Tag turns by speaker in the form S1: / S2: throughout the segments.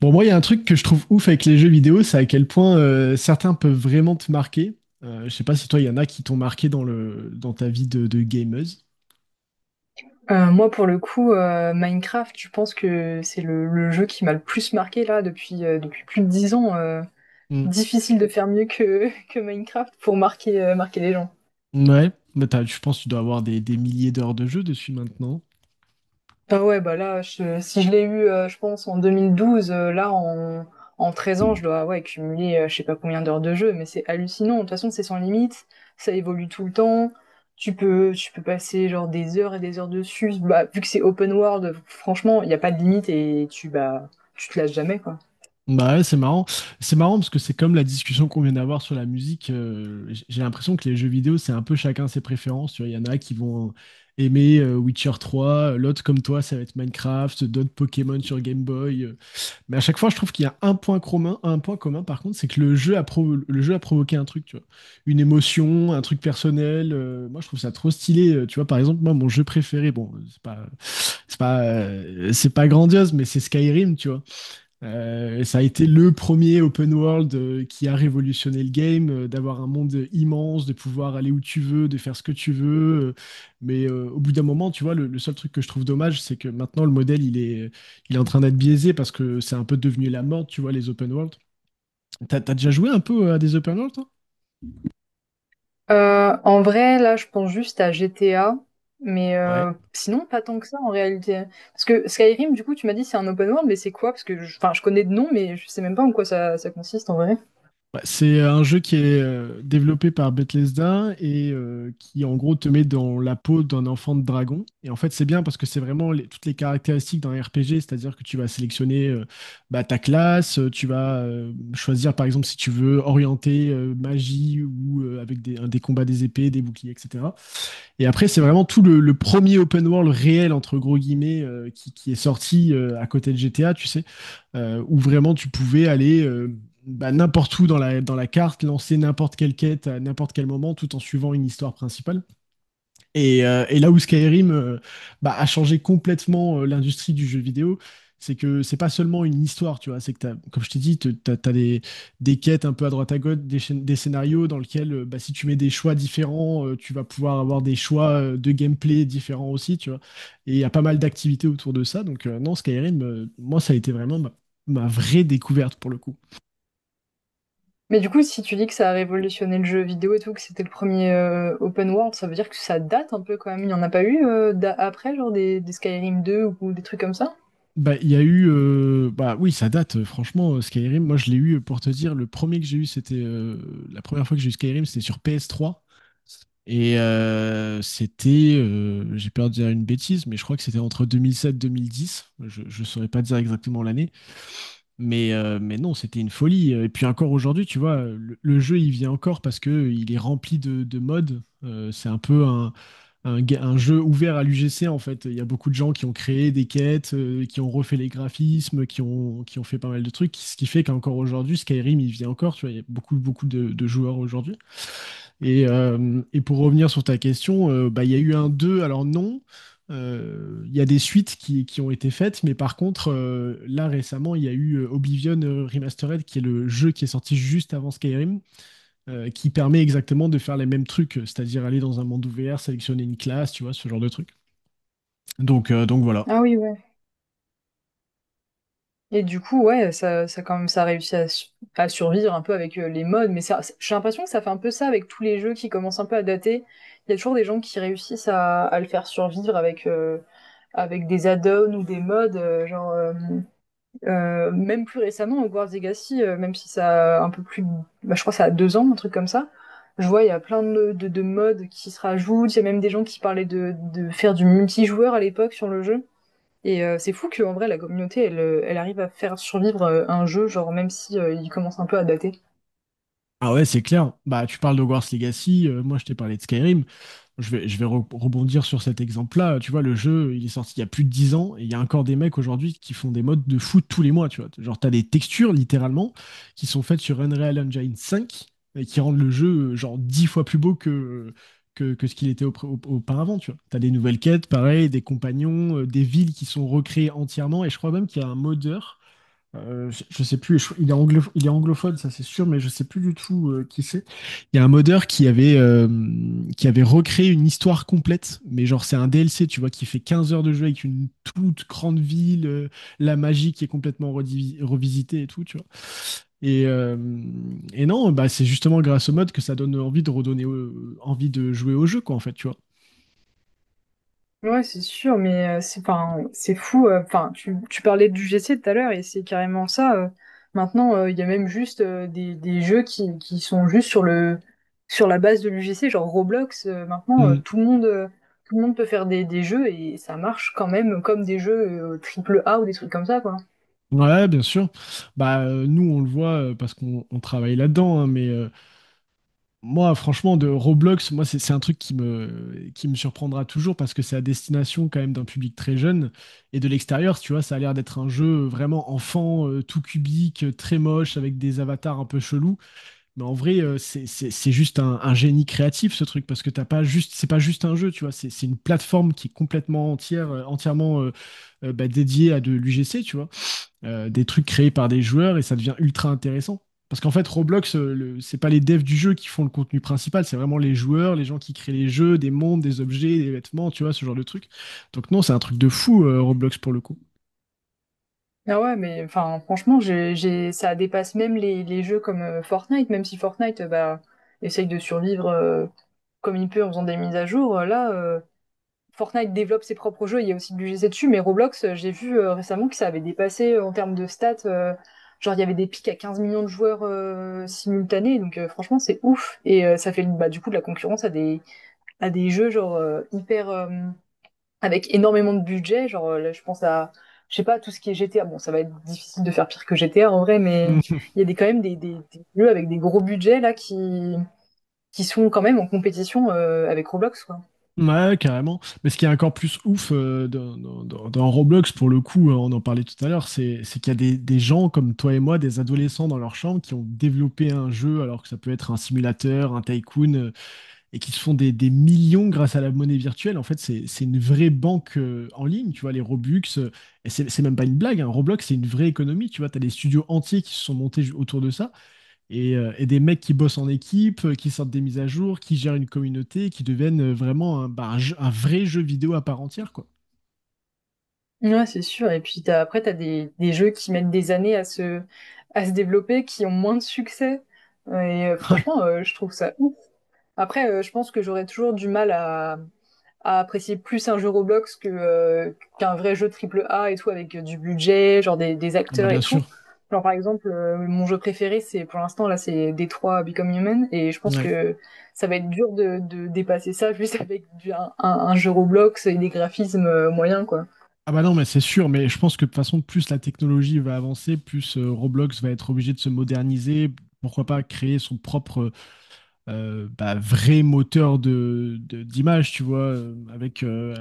S1: Bon, moi, il y a un truc que je trouve ouf avec les jeux vidéo, c'est à quel point certains peuvent vraiment te marquer. Je sais pas si toi, il y en a qui t'ont marqué dans ta vie de gameuse.
S2: Moi, pour le coup, Minecraft, je pense que c'est le jeu qui m'a le plus marqué là depuis, depuis plus de dix ans.
S1: Mm.
S2: Difficile de faire mieux que, que Minecraft pour marquer, marquer les gens.
S1: Ouais, mais je pense que tu dois avoir des milliers d'heures de jeu dessus maintenant.
S2: Ah ouais, bah là, si je l'ai eu, je pense, en 2012, là, en 13 ans, je dois ouais, cumuler je sais pas combien d'heures de jeu, mais c'est hallucinant. De toute façon, c'est sans limite, ça évolue tout le temps. Tu peux passer genre des heures et des heures dessus. Bah, vu que c'est open world, franchement, il n'y a pas de limite et tu, bah, tu te lasses jamais, quoi.
S1: Bah ouais, c'est marrant. C'est marrant parce que c'est comme la discussion qu'on vient d'avoir sur la musique. J'ai l'impression que les jeux vidéo, c'est un peu chacun ses préférences. Tu vois, il y en a qui vont aimer Witcher 3, l'autre comme toi, ça va être Minecraft, d'autres Pokémon sur Game Boy. Mais à chaque fois, je trouve qu'il y a un point commun, par contre, c'est que le jeu a provoqué un truc, tu vois. Une émotion, un truc personnel. Moi, je trouve ça trop stylé. Tu vois, par exemple, moi, mon jeu préféré, bon, c'est pas grandiose, mais c'est Skyrim, tu vois. Ça a été le premier open world qui a révolutionné le game, d'avoir un monde immense, de pouvoir aller où tu veux, de faire ce que tu veux. Mais au bout d'un moment, tu vois, le seul truc que je trouve dommage, c'est que maintenant le modèle, il est en train d'être biaisé parce que c'est un peu devenu la mode, tu vois, les open world. T'as déjà joué un peu à des open world, toi?
S2: En vrai, là, je pense juste à GTA, mais sinon pas tant que ça en réalité. Parce que Skyrim, du coup, tu m'as dit c'est un open world, mais c'est quoi? Parce que, enfin, je connais de nom, mais je sais même pas en quoi ça, ça consiste en vrai.
S1: Ouais, c'est un jeu qui est développé par Bethesda et qui en gros te met dans la peau d'un enfant de dragon. Et en fait, c'est bien parce que c'est vraiment toutes les caractéristiques d'un RPG, c'est-à-dire que tu vas sélectionner bah, ta classe, tu vas choisir par exemple si tu veux orienter magie ou avec des combats des épées, des boucliers, etc. Et après, c'est vraiment tout le premier open world réel entre gros guillemets qui est sorti à côté de GTA, tu sais où vraiment tu pouvais aller bah, n'importe où dans la carte, lancer n'importe quelle quête à n'importe quel moment tout en suivant une histoire principale. Et là où Skyrim bah, a changé complètement l'industrie du jeu vidéo, c'est que c'est pas seulement une histoire, tu vois. C'est que comme je t'ai dit, te- t'as as, des quêtes un peu à droite à gauche, des scénarios dans lesquels bah, si tu mets des choix différents, tu vas pouvoir avoir des choix de gameplay différents aussi, tu vois. Et il y a pas mal d'activités autour de ça. Donc non, Skyrim, moi, ça a été vraiment ma vraie découverte pour le coup.
S2: Mais du coup, si tu dis que ça a révolutionné le jeu vidéo et tout, que c'était le premier open world, ça veut dire que ça date un peu quand même. Il n'y en a pas eu après, genre des Skyrim 2 ou des trucs comme ça?
S1: Bah, il y a eu. Bah oui, ça date, franchement, Skyrim. Moi, je l'ai eu, pour te dire, le premier que j'ai eu, c'était. La première fois que j'ai eu Skyrim, c'était sur PS3. Et c'était. J'ai peur de dire une bêtise, mais je crois que c'était entre 2007-2010. Je ne saurais pas dire exactement l'année. Mais non, c'était une folie. Et puis encore aujourd'hui, tu vois, le jeu, il vient encore parce que il est rempli de mods. C'est un peu un jeu ouvert à l'UGC en fait. Il y a beaucoup de gens qui ont créé des quêtes, qui ont refait les graphismes, qui ont fait pas mal de trucs, ce qui fait qu'encore aujourd'hui, Skyrim, il vit encore, tu vois, il y a beaucoup, beaucoup de joueurs aujourd'hui. Et pour revenir sur ta question, bah, il y a eu un 2 alors non. Il y a des suites qui ont été faites, mais par contre, là récemment, il y a eu Oblivion Remastered, qui est le jeu qui est sorti juste avant Skyrim, qui permet exactement de faire les mêmes trucs, c'est-à-dire aller dans un monde ouvert, sélectionner une classe, tu vois, ce genre de truc. Donc voilà.
S2: Ah oui, ouais. Et du coup, ouais, ça quand même, ça a réussi à, à survivre un peu avec les modes, mais ça, j'ai l'impression que ça fait un peu ça avec tous les jeux qui commencent un peu à dater. Il y a toujours des gens qui réussissent à le faire survivre avec, avec des add-ons ou des modes, même plus récemment, Hogwarts Legacy, même si ça a un peu plus, bah, je crois que ça a 2 ans, un truc comme ça. Je vois, il y a plein de modes qui se rajoutent. Il y a même des gens qui parlaient de faire du multijoueur à l'époque sur le jeu. Et c'est fou qu'en vrai, la communauté, elle, elle arrive à faire survivre un jeu, genre même si il commence un peu à dater.
S1: Ah ouais, c'est clair. Bah, tu parles de Hogwarts Legacy, moi je t'ai parlé de Skyrim. Je vais rebondir sur cet exemple-là. Tu vois, le jeu, il est sorti il y a plus de 10 ans et il y a encore des mecs aujourd'hui qui font des modes de foot tous les mois. Tu vois, genre, t'as des textures littéralement qui sont faites sur Unreal Engine 5 et qui rendent le jeu genre 10 fois plus beau que, que ce qu'il était auparavant. Tu vois, t'as des nouvelles quêtes, pareil, des compagnons, des villes qui sont recréées entièrement et je crois même qu'il y a un modeur je sais plus, il est anglophone, ça c'est sûr, mais je sais plus du tout qui c'est. Il y a un modeur qui avait recréé une histoire complète, mais genre c'est un DLC, tu vois, qui fait 15 heures de jeu avec une toute grande ville, la magie qui est complètement revisitée et tout, tu vois. Et, euh, et non, bah c'est justement grâce au mode que ça donne envie de envie de jouer au jeu, quoi, en fait, tu vois.
S2: Ouais, c'est sûr, mais c'est 'fin, c'est fou. Enfin, tu parlais du G GC tout à l'heure et c'est carrément ça. Maintenant, il y a même juste des jeux qui sont juste sur le sur la base de l'UGC, genre Roblox. Maintenant,
S1: Mm.
S2: tout le monde peut faire des jeux et ça marche quand même comme des jeux triple A ou des trucs comme ça, quoi.
S1: Ouais, bien sûr. Bah, nous, on le voit parce qu'on travaille là-dedans. Hein, mais moi, franchement, de Roblox, moi, c'est un truc qui me surprendra toujours parce que c'est à destination quand même d'un public très jeune. Et de l'extérieur, tu vois, ça a l'air d'être un jeu vraiment enfant, tout cubique, très moche, avec des avatars un peu chelous. Mais en vrai, c'est juste un génie créatif ce truc parce que t'as pas juste, c'est pas juste un jeu, tu vois, c'est une plateforme qui est complètement entière, entièrement bah, dédiée à de l'UGC, tu vois. Des trucs créés par des joueurs et ça devient ultra intéressant. Parce qu'en fait, Roblox, c'est pas les devs du jeu qui font le contenu principal, c'est vraiment les joueurs, les gens qui créent les jeux, des mondes, des objets, des vêtements, tu vois, ce genre de truc. Donc non, c'est un truc de fou, Roblox pour le coup.
S2: Ah ouais, mais enfin, franchement, ça dépasse même les jeux comme Fortnite, même si Fortnite, bah, essaye de survivre comme il peut en faisant des mises à jour. Là, Fortnite développe ses propres jeux, il y a aussi du GC dessus, mais Roblox, j'ai vu récemment que ça avait dépassé en termes de stats. Il y avait des pics à 15 millions de joueurs simultanés, donc franchement, c'est ouf. Et ça fait bah, du coup de la concurrence à à des jeux genre hyper, avec énormément de budget. Genre, là, je pense à, je sais pas, tout ce qui est GTA. Bon, ça va être difficile de faire pire que GTA en vrai, mais il y a quand même des jeux avec des gros budgets là qui sont quand même en compétition avec Roblox, quoi.
S1: Ouais, carrément. Mais ce qui est encore plus ouf dans Roblox, pour le coup, on en parlait tout à l'heure, c'est qu'il y a des gens comme toi et moi, des adolescents dans leur chambre, qui ont développé un jeu, alors que ça peut être un simulateur, un tycoon, et qui se font des millions grâce à la monnaie virtuelle. En fait, c'est une vraie banque en ligne, tu vois, les Robux. Et c'est même pas une blague, hein. Roblox, c'est une vraie économie, tu vois. T'as des studios entiers qui se sont montés autour de ça et des mecs qui bossent en équipe, qui sortent des mises à jour, qui gèrent une communauté, qui deviennent vraiment bah, un vrai jeu vidéo à part entière, quoi.
S2: Ouais, c'est sûr. Et puis t'as, après, t'as des jeux qui mettent des années à se développer, qui ont moins de succès. Et
S1: Ouais.
S2: franchement, je trouve ça ouf. Après, je pense que j'aurais toujours du mal à apprécier plus un jeu Roblox que qu'un vrai jeu triple A et tout avec du budget, genre des
S1: Ah bah
S2: acteurs
S1: bien
S2: et
S1: sûr.
S2: tout. Genre par exemple, mon jeu préféré, c'est pour l'instant là, c'est Détroit Become Human, et je pense
S1: Ouais.
S2: que ça va être dur de dépasser ça juste avec du, un jeu Roblox et des graphismes moyens quoi.
S1: Ah bah non, mais c'est sûr, mais je pense que de toute façon, plus la technologie va avancer, plus Roblox va être obligé de se moderniser. Pourquoi pas créer son propre bah, vrai moteur de, d'image, tu vois, avec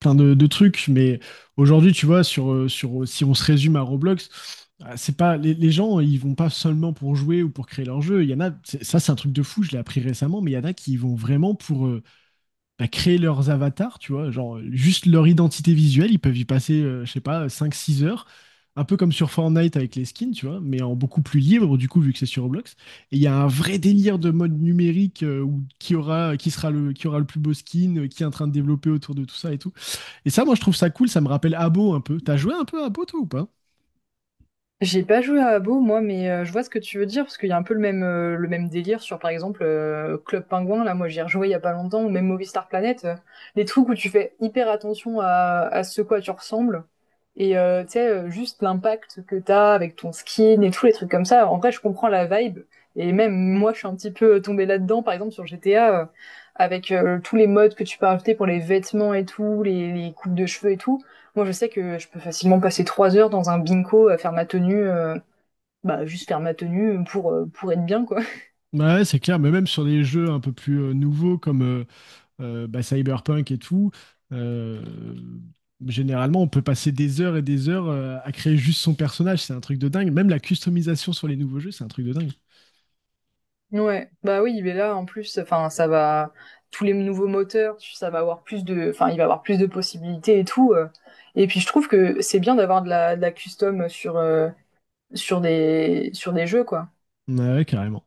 S1: plein de trucs, mais aujourd'hui, tu vois, si on se résume à Roblox, ah, c'est pas les gens, ils vont pas seulement pour jouer ou pour créer leur jeu. Il y en a, ça c'est un truc de fou, je l'ai appris récemment, mais il y en a qui y vont vraiment pour bah, créer leurs avatars, tu vois, genre juste leur identité visuelle, ils peuvent y passer, je sais pas, cinq six heures, un peu comme sur Fortnite avec les skins, tu vois, mais en beaucoup plus libre du coup, vu que c'est sur Roblox. Et il y a un vrai délire de mode numérique où qui aura, qui sera le, qui aura le plus beau skin, qui est en train de développer autour de tout ça et tout. Et ça, moi, je trouve ça cool, ça me rappelle Abo un peu. T'as joué un peu à Abo, toi, ou pas?
S2: J'ai pas joué à Abo moi, mais je vois ce que tu veux dire parce qu'il y a un peu le même délire sur par exemple Club Penguin Là, moi, j'y ai rejoué il y a pas longtemps ou même Movistar Planet. Les trucs où tu fais hyper attention à ce quoi tu ressembles. Et tu sais, juste l'impact que t'as avec ton skin et tous les trucs comme ça. En vrai, je comprends la vibe. Et même moi, je suis un petit peu tombée là-dedans, par exemple sur GTA, avec tous les modes que tu peux rajouter pour les vêtements et tout, les coupes de cheveux et tout. Moi, je sais que je peux facilement passer 3 heures dans un bingo à faire ma tenue, bah juste faire ma tenue pour être bien quoi.
S1: Ouais, c'est clair, mais même sur des jeux un peu plus nouveaux comme bah, Cyberpunk et tout, euh, généralement on peut passer des heures et des heures à créer juste son personnage, c'est un truc de dingue. Même la customisation sur les nouveaux jeux, c'est un truc de dingue.
S2: Ouais, bah oui, mais là en plus, enfin, ça va tous les nouveaux moteurs, ça va avoir plus de, enfin, il va avoir plus de possibilités et tout. Et puis je trouve que c'est bien d'avoir de la custom sur sur des jeux quoi.
S1: Ouais, carrément.